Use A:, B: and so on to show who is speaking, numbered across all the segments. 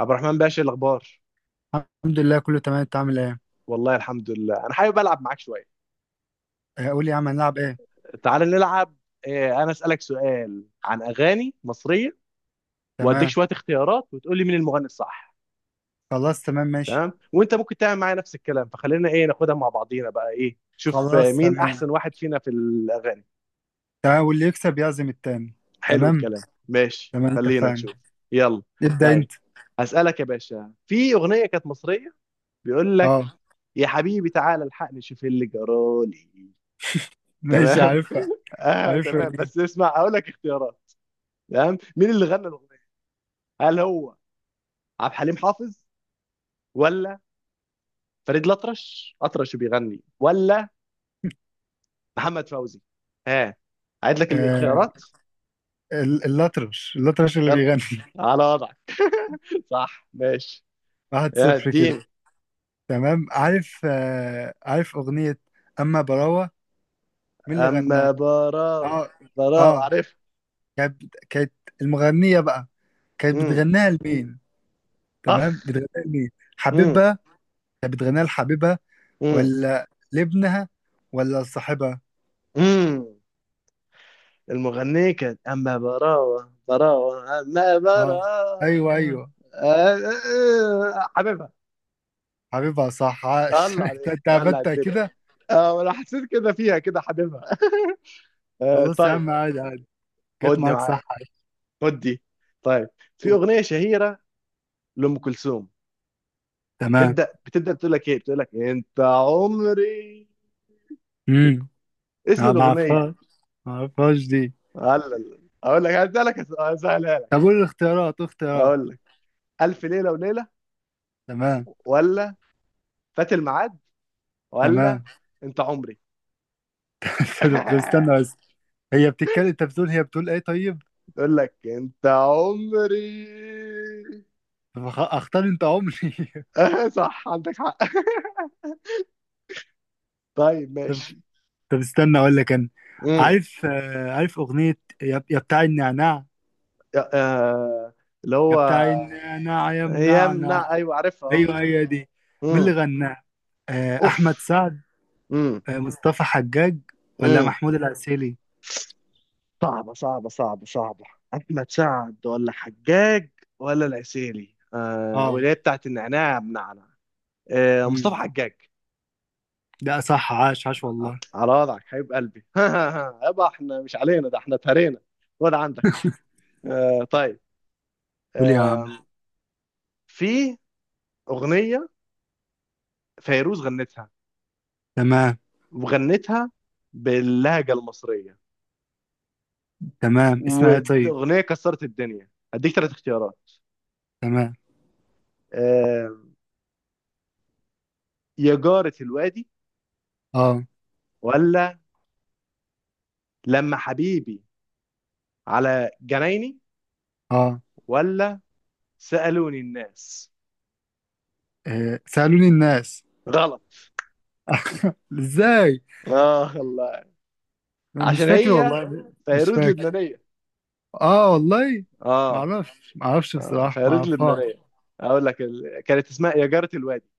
A: عبد الرحمن باشا، إيه الاخبار؟
B: الحمد لله كله تمام، انت عامل ايه؟
A: والله الحمد لله. انا حابب العب معاك شويه.
B: اه، قول لي يا عم هنلعب ايه؟
A: تعال نلعب. انا اسالك سؤال عن اغاني مصريه، واديك
B: تمام.
A: شويه اختيارات وتقول لي مين المغني الصح.
B: خلاص تمام ماشي.
A: تمام، وانت ممكن تعمل معايا نفس الكلام، فخلينا ايه، ناخدها مع بعضينا بقى. ايه شوف،
B: خلاص
A: مين
B: تمام.
A: احسن واحد فينا في الاغاني.
B: تمام، واللي يكسب يعزم التاني.
A: حلو
B: تمام.
A: الكلام، ماشي،
B: تمام
A: خلينا
B: اتفقنا.
A: نشوف. يلا.
B: ابدأ
A: طيب،
B: انت.
A: هسالك يا باشا، في اغنيه كانت مصريه بيقول لك:
B: اه،
A: يا حبيبي تعالى الحقني شوف إيه اللي جرالي.
B: ماشي
A: تمام.
B: عارفها.
A: اه
B: عارفها
A: تمام،
B: دي.
A: بس اسمع هقول لك اختيارات. تمام. مين اللي غنى الاغنيه؟ هل هو عبد الحليم حافظ، ولا فريد الأطرش أطرش بيغني، ولا محمد فوزي؟ ها، عيد لك
B: آه،
A: الاختيارات.
B: الأطرش اللي
A: يلا،
B: بيغني.
A: على وضعك. صح، ماشي.
B: واحد
A: يا
B: صفر كده.
A: اديني.
B: تمام، عارف أغنية أما براوة، مين اللي غناها؟
A: اما براوة
B: اه.
A: براوة،
B: اه.
A: عارف.
B: كانت كانت المغنية بقى، كانت
A: امم.
B: بتغنيها لمين؟ تمام،
A: اخ.
B: بتغنيها لمين؟
A: امم.
B: حبيبها. كانت بتغنيها لحبيبها،
A: امم.
B: ولا لابنها، ولا لصاحبها؟
A: امم. المغنية كانت اما براوة براوة اما
B: اه، ايوه
A: براوة.
B: ايوه.
A: حبيبي.
B: حبيبها صح، عاش.
A: الله
B: انت
A: عليك،
B: أنت
A: الله على
B: عبدت
A: الدنيا.
B: كده.
A: اه انا حسيت كده فيها، كده حاببها. آه
B: خلاص يا
A: طيب.
B: عم، عادي عادي. جت
A: خدني
B: معاك صح
A: معاك.
B: عاش.
A: خد دي. طيب، في اغنيه شهيره لام كلثوم،
B: تمام.
A: بتبدا بتقول لك ايه، بتقول لك: انت عمري.
B: امم.
A: اسم
B: ما
A: الاغنيه.
B: اعرفهاش. ما اعرفهاش دي.
A: هلا اقول لك، هسألها لك.
B: طب قول الاختيارات.
A: اقول لك: الف ليله وليله،
B: تمام.
A: ولا فات الميعاد، ولا
B: تمام.
A: انت عمري؟
B: طب استنى بس. هي بتتكلم، انت بتقول هي بتقول ايه؟ طيب.
A: تقول لك: انت عمري.
B: طب اختار انت عمري.
A: صح، عندك حق. طيب
B: طب.
A: ماشي.
B: طب استنى اقول لك انا.
A: مم.
B: عارف اغنيه يا بتاع النعناع.
A: آه، اللي
B: يا
A: هو
B: بتاع النعناع يا
A: يمنع،
B: منعنع.
A: ايوه عارفها اه.
B: ايوه، هي دي. مين اللي
A: امم.
B: غناها؟ احمد
A: اوف.
B: سعد؟
A: امم.
B: مصطفى حجاج؟ ولا
A: امم.
B: محمود العسيلي؟
A: صعبه صعبه صعبه صعبه. احمد سعد، ولا حجاج، ولا العسيلي؟ آه،
B: اه.
A: واللي هي بتاعت النعناع يا بنعنع، آه،
B: امم.
A: مصطفى حجاج.
B: ده صح، عاش عاش والله.
A: على وضعك حبيب قلبي. يبقى احنا مش علينا ده، احنا اتهرينا. خد عندك. طيب.
B: قول يا عم.
A: آه في اغنيه فيروز غنتها،
B: تمام.
A: وغنتها باللهجه المصريه،
B: تمام، اسمها إيه طيب؟
A: واغنيه كسرت الدنيا. هديك ثلاث اختيارات:
B: تمام.
A: آه، يا جارة الوادي،
B: اه.
A: ولا لما حبيبي على جنايني،
B: اه.
A: ولا سألوني الناس؟
B: سألوني الناس.
A: غلط.
B: ازاي؟
A: اه الله.
B: مش
A: عشان
B: فاكر
A: هي
B: والله، مش
A: فيروز
B: فاكر.
A: لبنانية.
B: اه والله. ما
A: اه.
B: اعرفش، ما اعرفش
A: اه،
B: بصراحة، ما
A: فيروز
B: اعرفهاش.
A: لبنانية. اقول لك كانت اسمها يا جارة الوادي.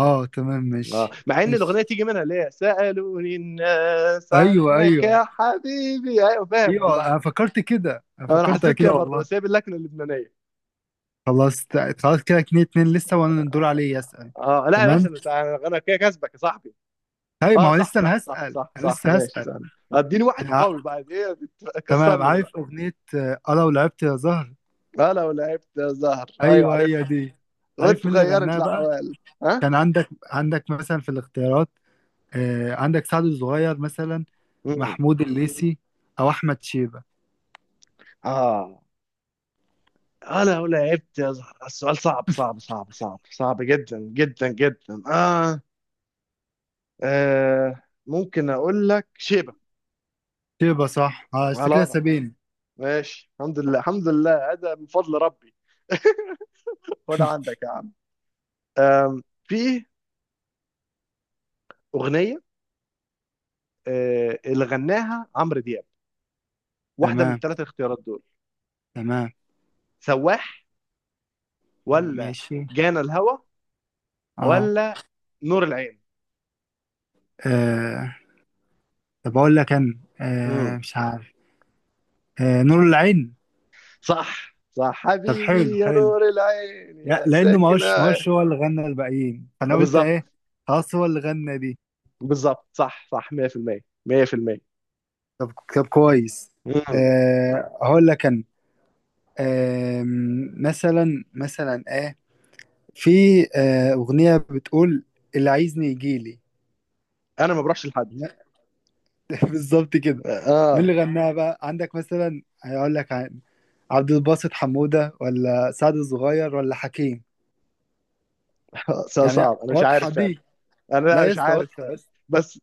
B: اه تمام
A: اه،
B: ماشي.
A: مع ان الاغنية
B: ماشي.
A: تيجي منها اللي هي سألوني الناس
B: ايوه
A: عنك
B: ايوه.
A: يا حبيبي، ايوه فاهم
B: ايوه،
A: والله.
B: انا فكرت كده، انا
A: انا
B: فكرتها
A: حسيت كده
B: كده
A: برضه،
B: والله.
A: بس هي باللكنة اللبنانية.
B: خلاص، كده 2-2 لسه، وانا الدور عليه يسأل.
A: اه لا يا باشا،
B: تمام.
A: انا انا كده كسبك يا صاحبي.
B: طيب، ما
A: اه
B: هو
A: صح
B: لسه
A: صح صح صح
B: انا
A: صح،
B: لسه
A: ماشي
B: هسأل.
A: سهل. اديني واحد
B: ع-
A: قوي بقى. ايه
B: تمام،
A: كسرني دلوقتي.
B: عارف اغنية انا ولعبت يا زهر.
A: انا ولعبت زهر، ايوه
B: ايوه هي
A: عارفها.
B: دي. عارف
A: وانت
B: مين اللي
A: غيرت
B: غناها بقى؟
A: الاحوال. ها.
B: كان عندك مثلا في الاختيارات. عندك سعد الصغير مثلا،
A: مم.
B: محمود الليثي، او احمد شيبة.
A: اه، انا ولعبت يا زهر، السؤال صعب صعب صعب صعب صعب، جدا جدا جدا. اه. آه، ممكن اقول لك شيبه.
B: شيبة صح. اه، انت
A: على
B: كده
A: وضع.
B: سابين.
A: ماشي، الحمد لله الحمد لله، هذا من فضل ربي. خد عندك يا عم. في اغنيه اللي غناها عمرو دياب، واحده من
B: تمام.
A: الثلاث اختيارات دول:
B: تمام
A: سواح، ولا
B: ماشي.
A: جانا الهوى،
B: اه.
A: ولا نور العين؟
B: آه، طب اقول لك انا.
A: مم.
B: مش عارف. نور العين.
A: صح صح،
B: طب حلو
A: حبيبي يا
B: حلو.
A: نور العين يا
B: لانه ما
A: ساكنة.
B: هوش ما
A: آه،
B: هوش هو اللي غنى الباقيين، فانا قلت
A: بالظبط
B: ايه؟ خلاص هو اللي غنى دي.
A: بالظبط، صح صح 100% 100%.
B: طب كويس.
A: مم.
B: أه هقول لك انا. أه. مثلا ايه؟ في اغنيه بتقول اللي عايزني يجيلي.
A: انا ما بروحش لحد.
B: لا، بالظبط كده. مين
A: اه.
B: اللي غناها بقى؟ عندك مثلا، هقول لك عن عبد الباسط حمودة، ولا سعد الصغير، ولا حكيم.
A: سؤال
B: يعني
A: صعب، انا مش
B: واضحة
A: عارف فعلا.
B: دي.
A: انا لا،
B: لا يا
A: مش
B: اسطى،
A: عارف
B: واضحة يا
A: فعلا.
B: اسطى.
A: بس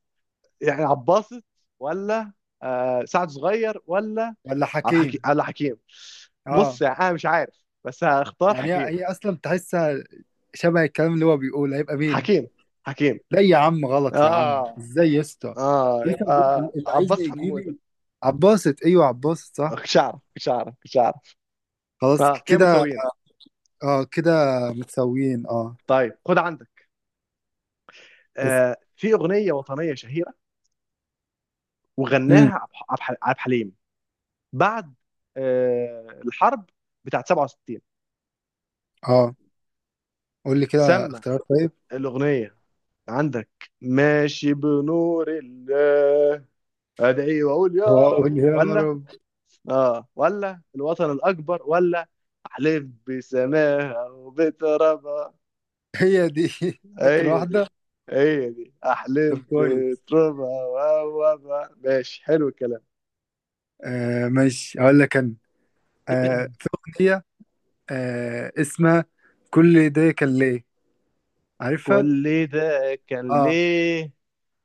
A: يعني عباسط، ولا آه سعد صغير، ولا
B: ولا
A: على حكيم،
B: حكيم.
A: على حكيم.
B: اه.
A: بص يعني انا مش عارف، بس هختار
B: يعني هي
A: حكيم.
B: هي اصلا تحسها شبه الكلام اللي هو بيقوله، هيبقى مين؟
A: حكيم. حكيم.
B: لا يا عم غلط، يا عم
A: اه.
B: ازاي يا اسطى؟
A: اه،
B: لسه بقول
A: يبقى
B: اللي
A: عباس
B: عايزني يجي
A: حمودة.
B: لي. عباسط، ايوه عباسط صح.
A: كنتش اعرف كنتش اعرف كنتش اعرف.
B: خلاص،
A: اه
B: ك-
A: كده
B: كده
A: متساويين.
B: اه كده متساويين. اه.
A: طيب خد عندك.
B: بس-
A: في اغنية وطنية شهيرة،
B: امم.
A: وغناها عبد الحليم، بعد الحرب بتاعت 67.
B: اه، قول لي كده
A: سمى
B: اختيار طيب.
A: الاغنية. عندك: ماشي بنور الله، ادعي واقول يا
B: اه،
A: رب،
B: قول لي يا
A: ولا
B: رب.
A: اه ولا الوطن الاكبر، ولا احلف بسماها وبترابها؟
B: هي دي. اخر
A: هي دي،
B: واحده.
A: هي دي
B: طب
A: احلف
B: كويس.
A: بترابها. وهو، ماشي، حلو الكلام.
B: آه ماشي، اقول لك انا. آه، في اغنيه. آه، اسمها كل ده كان ليه. عارفها.
A: كل ده كان
B: اه.
A: ليه،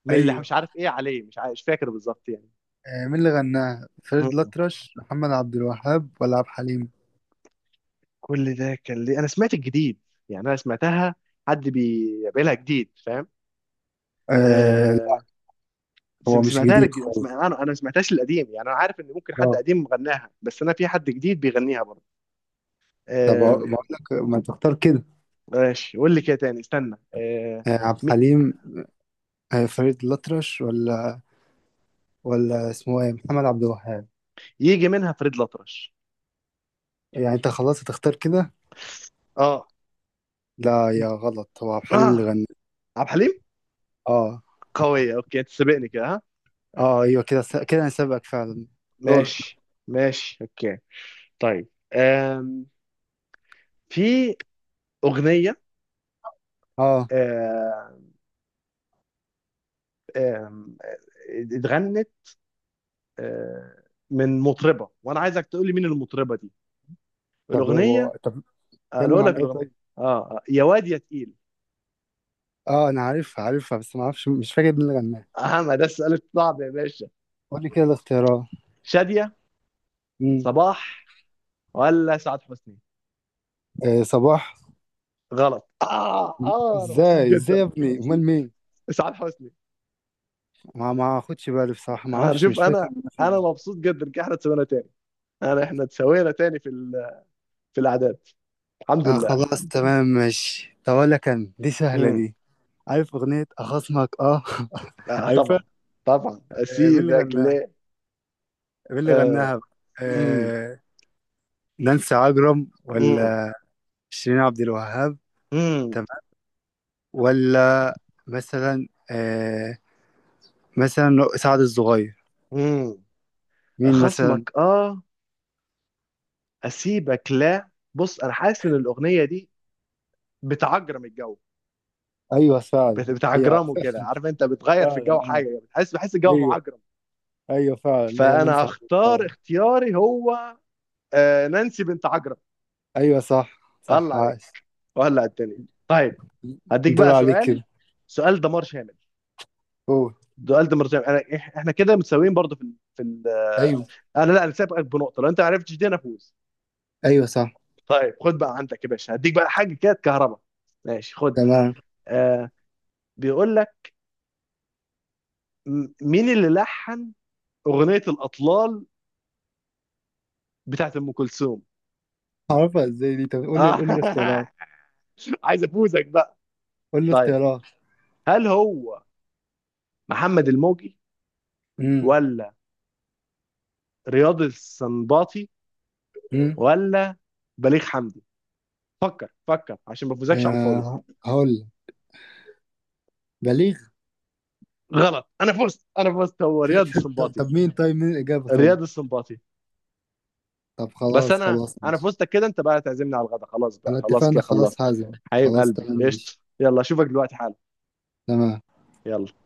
A: من اللي
B: ايوه.
A: مش عارف ايه عليه، مش عارف، مش فاكر بالظبط يعني.
B: آه، مين اللي غناها؟ فريد
A: مم.
B: الأطرش، محمد عبد الوهاب، ولا عبد الحليم؟
A: كل ده كان ليه، انا سمعت الجديد. يعني انا سمعتها، حد بيعملها جديد، فاهم.
B: آه لا.
A: آه،
B: هو مش
A: سمعتها
B: جديد
A: لك
B: خالص.
A: انا انا ما سمعتهاش القديم، يعني انا عارف ان ممكن حد
B: اه.
A: قديم غناها، بس انا في حد جديد بيغنيها برضه.
B: طب، أقو-
A: آم.
B: بقول لك ما تختار كده.
A: ماشي، قول لي كده تاني، استنى.
B: آه، عبد
A: م-
B: الحليم. آه، فريد الأطرش، ولا اسمه ايه محمد عبد الوهاب.
A: يجي منها فريد الأطرش.
B: يعني انت خلاص هتختار كده.
A: اه.
B: لا يا
A: ج-
B: غلط، هو عبد الحليم اللي
A: اه
B: غنى.
A: عبد الحليم.
B: اه.
A: قوية، اوكي، انت سابقني كده. ها،
B: اه ايوه، كده انا سابقك فعلا. دورك.
A: ماشي. ماشي اوكي. طيب آم، في أغنية،
B: اه.
A: آه، آم، آه، اتغنت آه، من مطربة، وانا عايزك تقول لي مين المطربة دي.
B: طب هو
A: الأغنية.
B: طب، اتكلم
A: اقول
B: عن
A: لك
B: ايه
A: الأغنية.
B: طيب؟
A: اه، يا واد يا تقيل.
B: اه، انا عارفها بس ما اعرفش، مش فاكر مين اللي غناها.
A: اه ما ده السؤال الصعب يا باشا.
B: قول لي كده الاختيارات.
A: شادية،
B: مم.
A: صباح، ولا سعاد حسني؟
B: آه، صباح.
A: غلط. اه اه، انا مبسوط
B: ازاي ازاي يا
A: جدا،
B: ابني؟
A: مبسوط.
B: امال مين؟
A: اسعاد حسني.
B: ما اخدش بالي بصراحه، ما اعرفش،
A: شوف
B: مش
A: انا،
B: فاكر مين
A: انا
B: فنان.
A: مبسوط جدا ان احنا اتسوينا تاني. انا، احنا اتسوينا تاني في الاعداد. الحمد
B: اه
A: لله
B: خلاص
A: الحمد لله.
B: تمام ماشي. طب اقول لك انا، دي سهله
A: امم.
B: دي. عارف اغنيه اخصمك اه؟
A: آه
B: عارفها.
A: طبعا. طبعا،
B: آه، مين اللي
A: اسيبك
B: غناها؟
A: ليه.
B: مين اللي غناها
A: آه.
B: بقى؟
A: امم.
B: آه. نانسي عجرم،
A: امم.
B: ولا شيرين عبد الوهاب.
A: امم.
B: تمام. ولا مثلا آه، مثلا سعد الصغير.
A: امم.
B: مين
A: خصمك
B: مثلا؟
A: اه، اسيبك. لا، بص انا حاسس ان الاغنيه دي بتعجرم الجو.
B: ايوه فعلا. هي.
A: بتعجرمه كده، عارف، انت بتغير في
B: فعلا
A: الجو
B: اه.
A: حاجه، بتحس بحس الجو
B: ايوه.
A: معجرم.
B: ايوه فعلا، هي
A: فانا
B: نانسي
A: هختار
B: عجرم.
A: اختياري، هو نانسي بنت عجرم.
B: ايوه صح
A: الله
B: صح،
A: عليك،
B: عاش.
A: وهلا على الدنيا. طيب، هديك
B: دور
A: بقى
B: عليك
A: سؤال،
B: كده.
A: سؤال دمار شامل.
B: قول.
A: سؤال دمار شامل، انا احنا كده متساويين برضه في ال... في ال... آه،
B: ايوه
A: انا لا، انا سابقك بنقطه، لو انت ما عرفتش دي انا فوز.
B: ايوه صح.
A: طيب، خد بقى عندك يا باشا، هديك بقى حاجه كده كهرباء. ماشي خد.
B: تمام،
A: آه، بيقول لك مين اللي لحن اغنيه الاطلال بتاعت ام كلثوم.
B: عارفها ازاي دي؟ طب قول لي
A: آه،
B: اختيارات.
A: عايز افوزك بقى.
B: قول لي
A: طيب
B: اختيارات.
A: هل هو محمد الموجي،
B: امم.
A: ولا رياض السنباطي،
B: امم.
A: ولا بليغ حمدي؟ فكر، فكر، عشان ما افوزكش على الفاضي.
B: آه هقول لك. بليغ.
A: غلط، انا فزت، انا فزت، هو رياض
B: طب,
A: السنباطي.
B: طب مين طيب مين الاجابه طيب؟
A: رياض السنباطي.
B: طب
A: بس
B: خلاص
A: انا،
B: خلاص
A: انا
B: ماشي.
A: فزتك كده، انت بقى تعزمني على الغدا، خلاص بقى،
B: على
A: خلاص
B: اتفقنا
A: كده خلصت.
B: خلاص هعزم.
A: حبيب
B: خلاص
A: قلبي
B: تمام
A: قشطه.
B: ماشي.
A: يلا اشوفك دلوقتي حالا.
B: تمام.
A: يلا.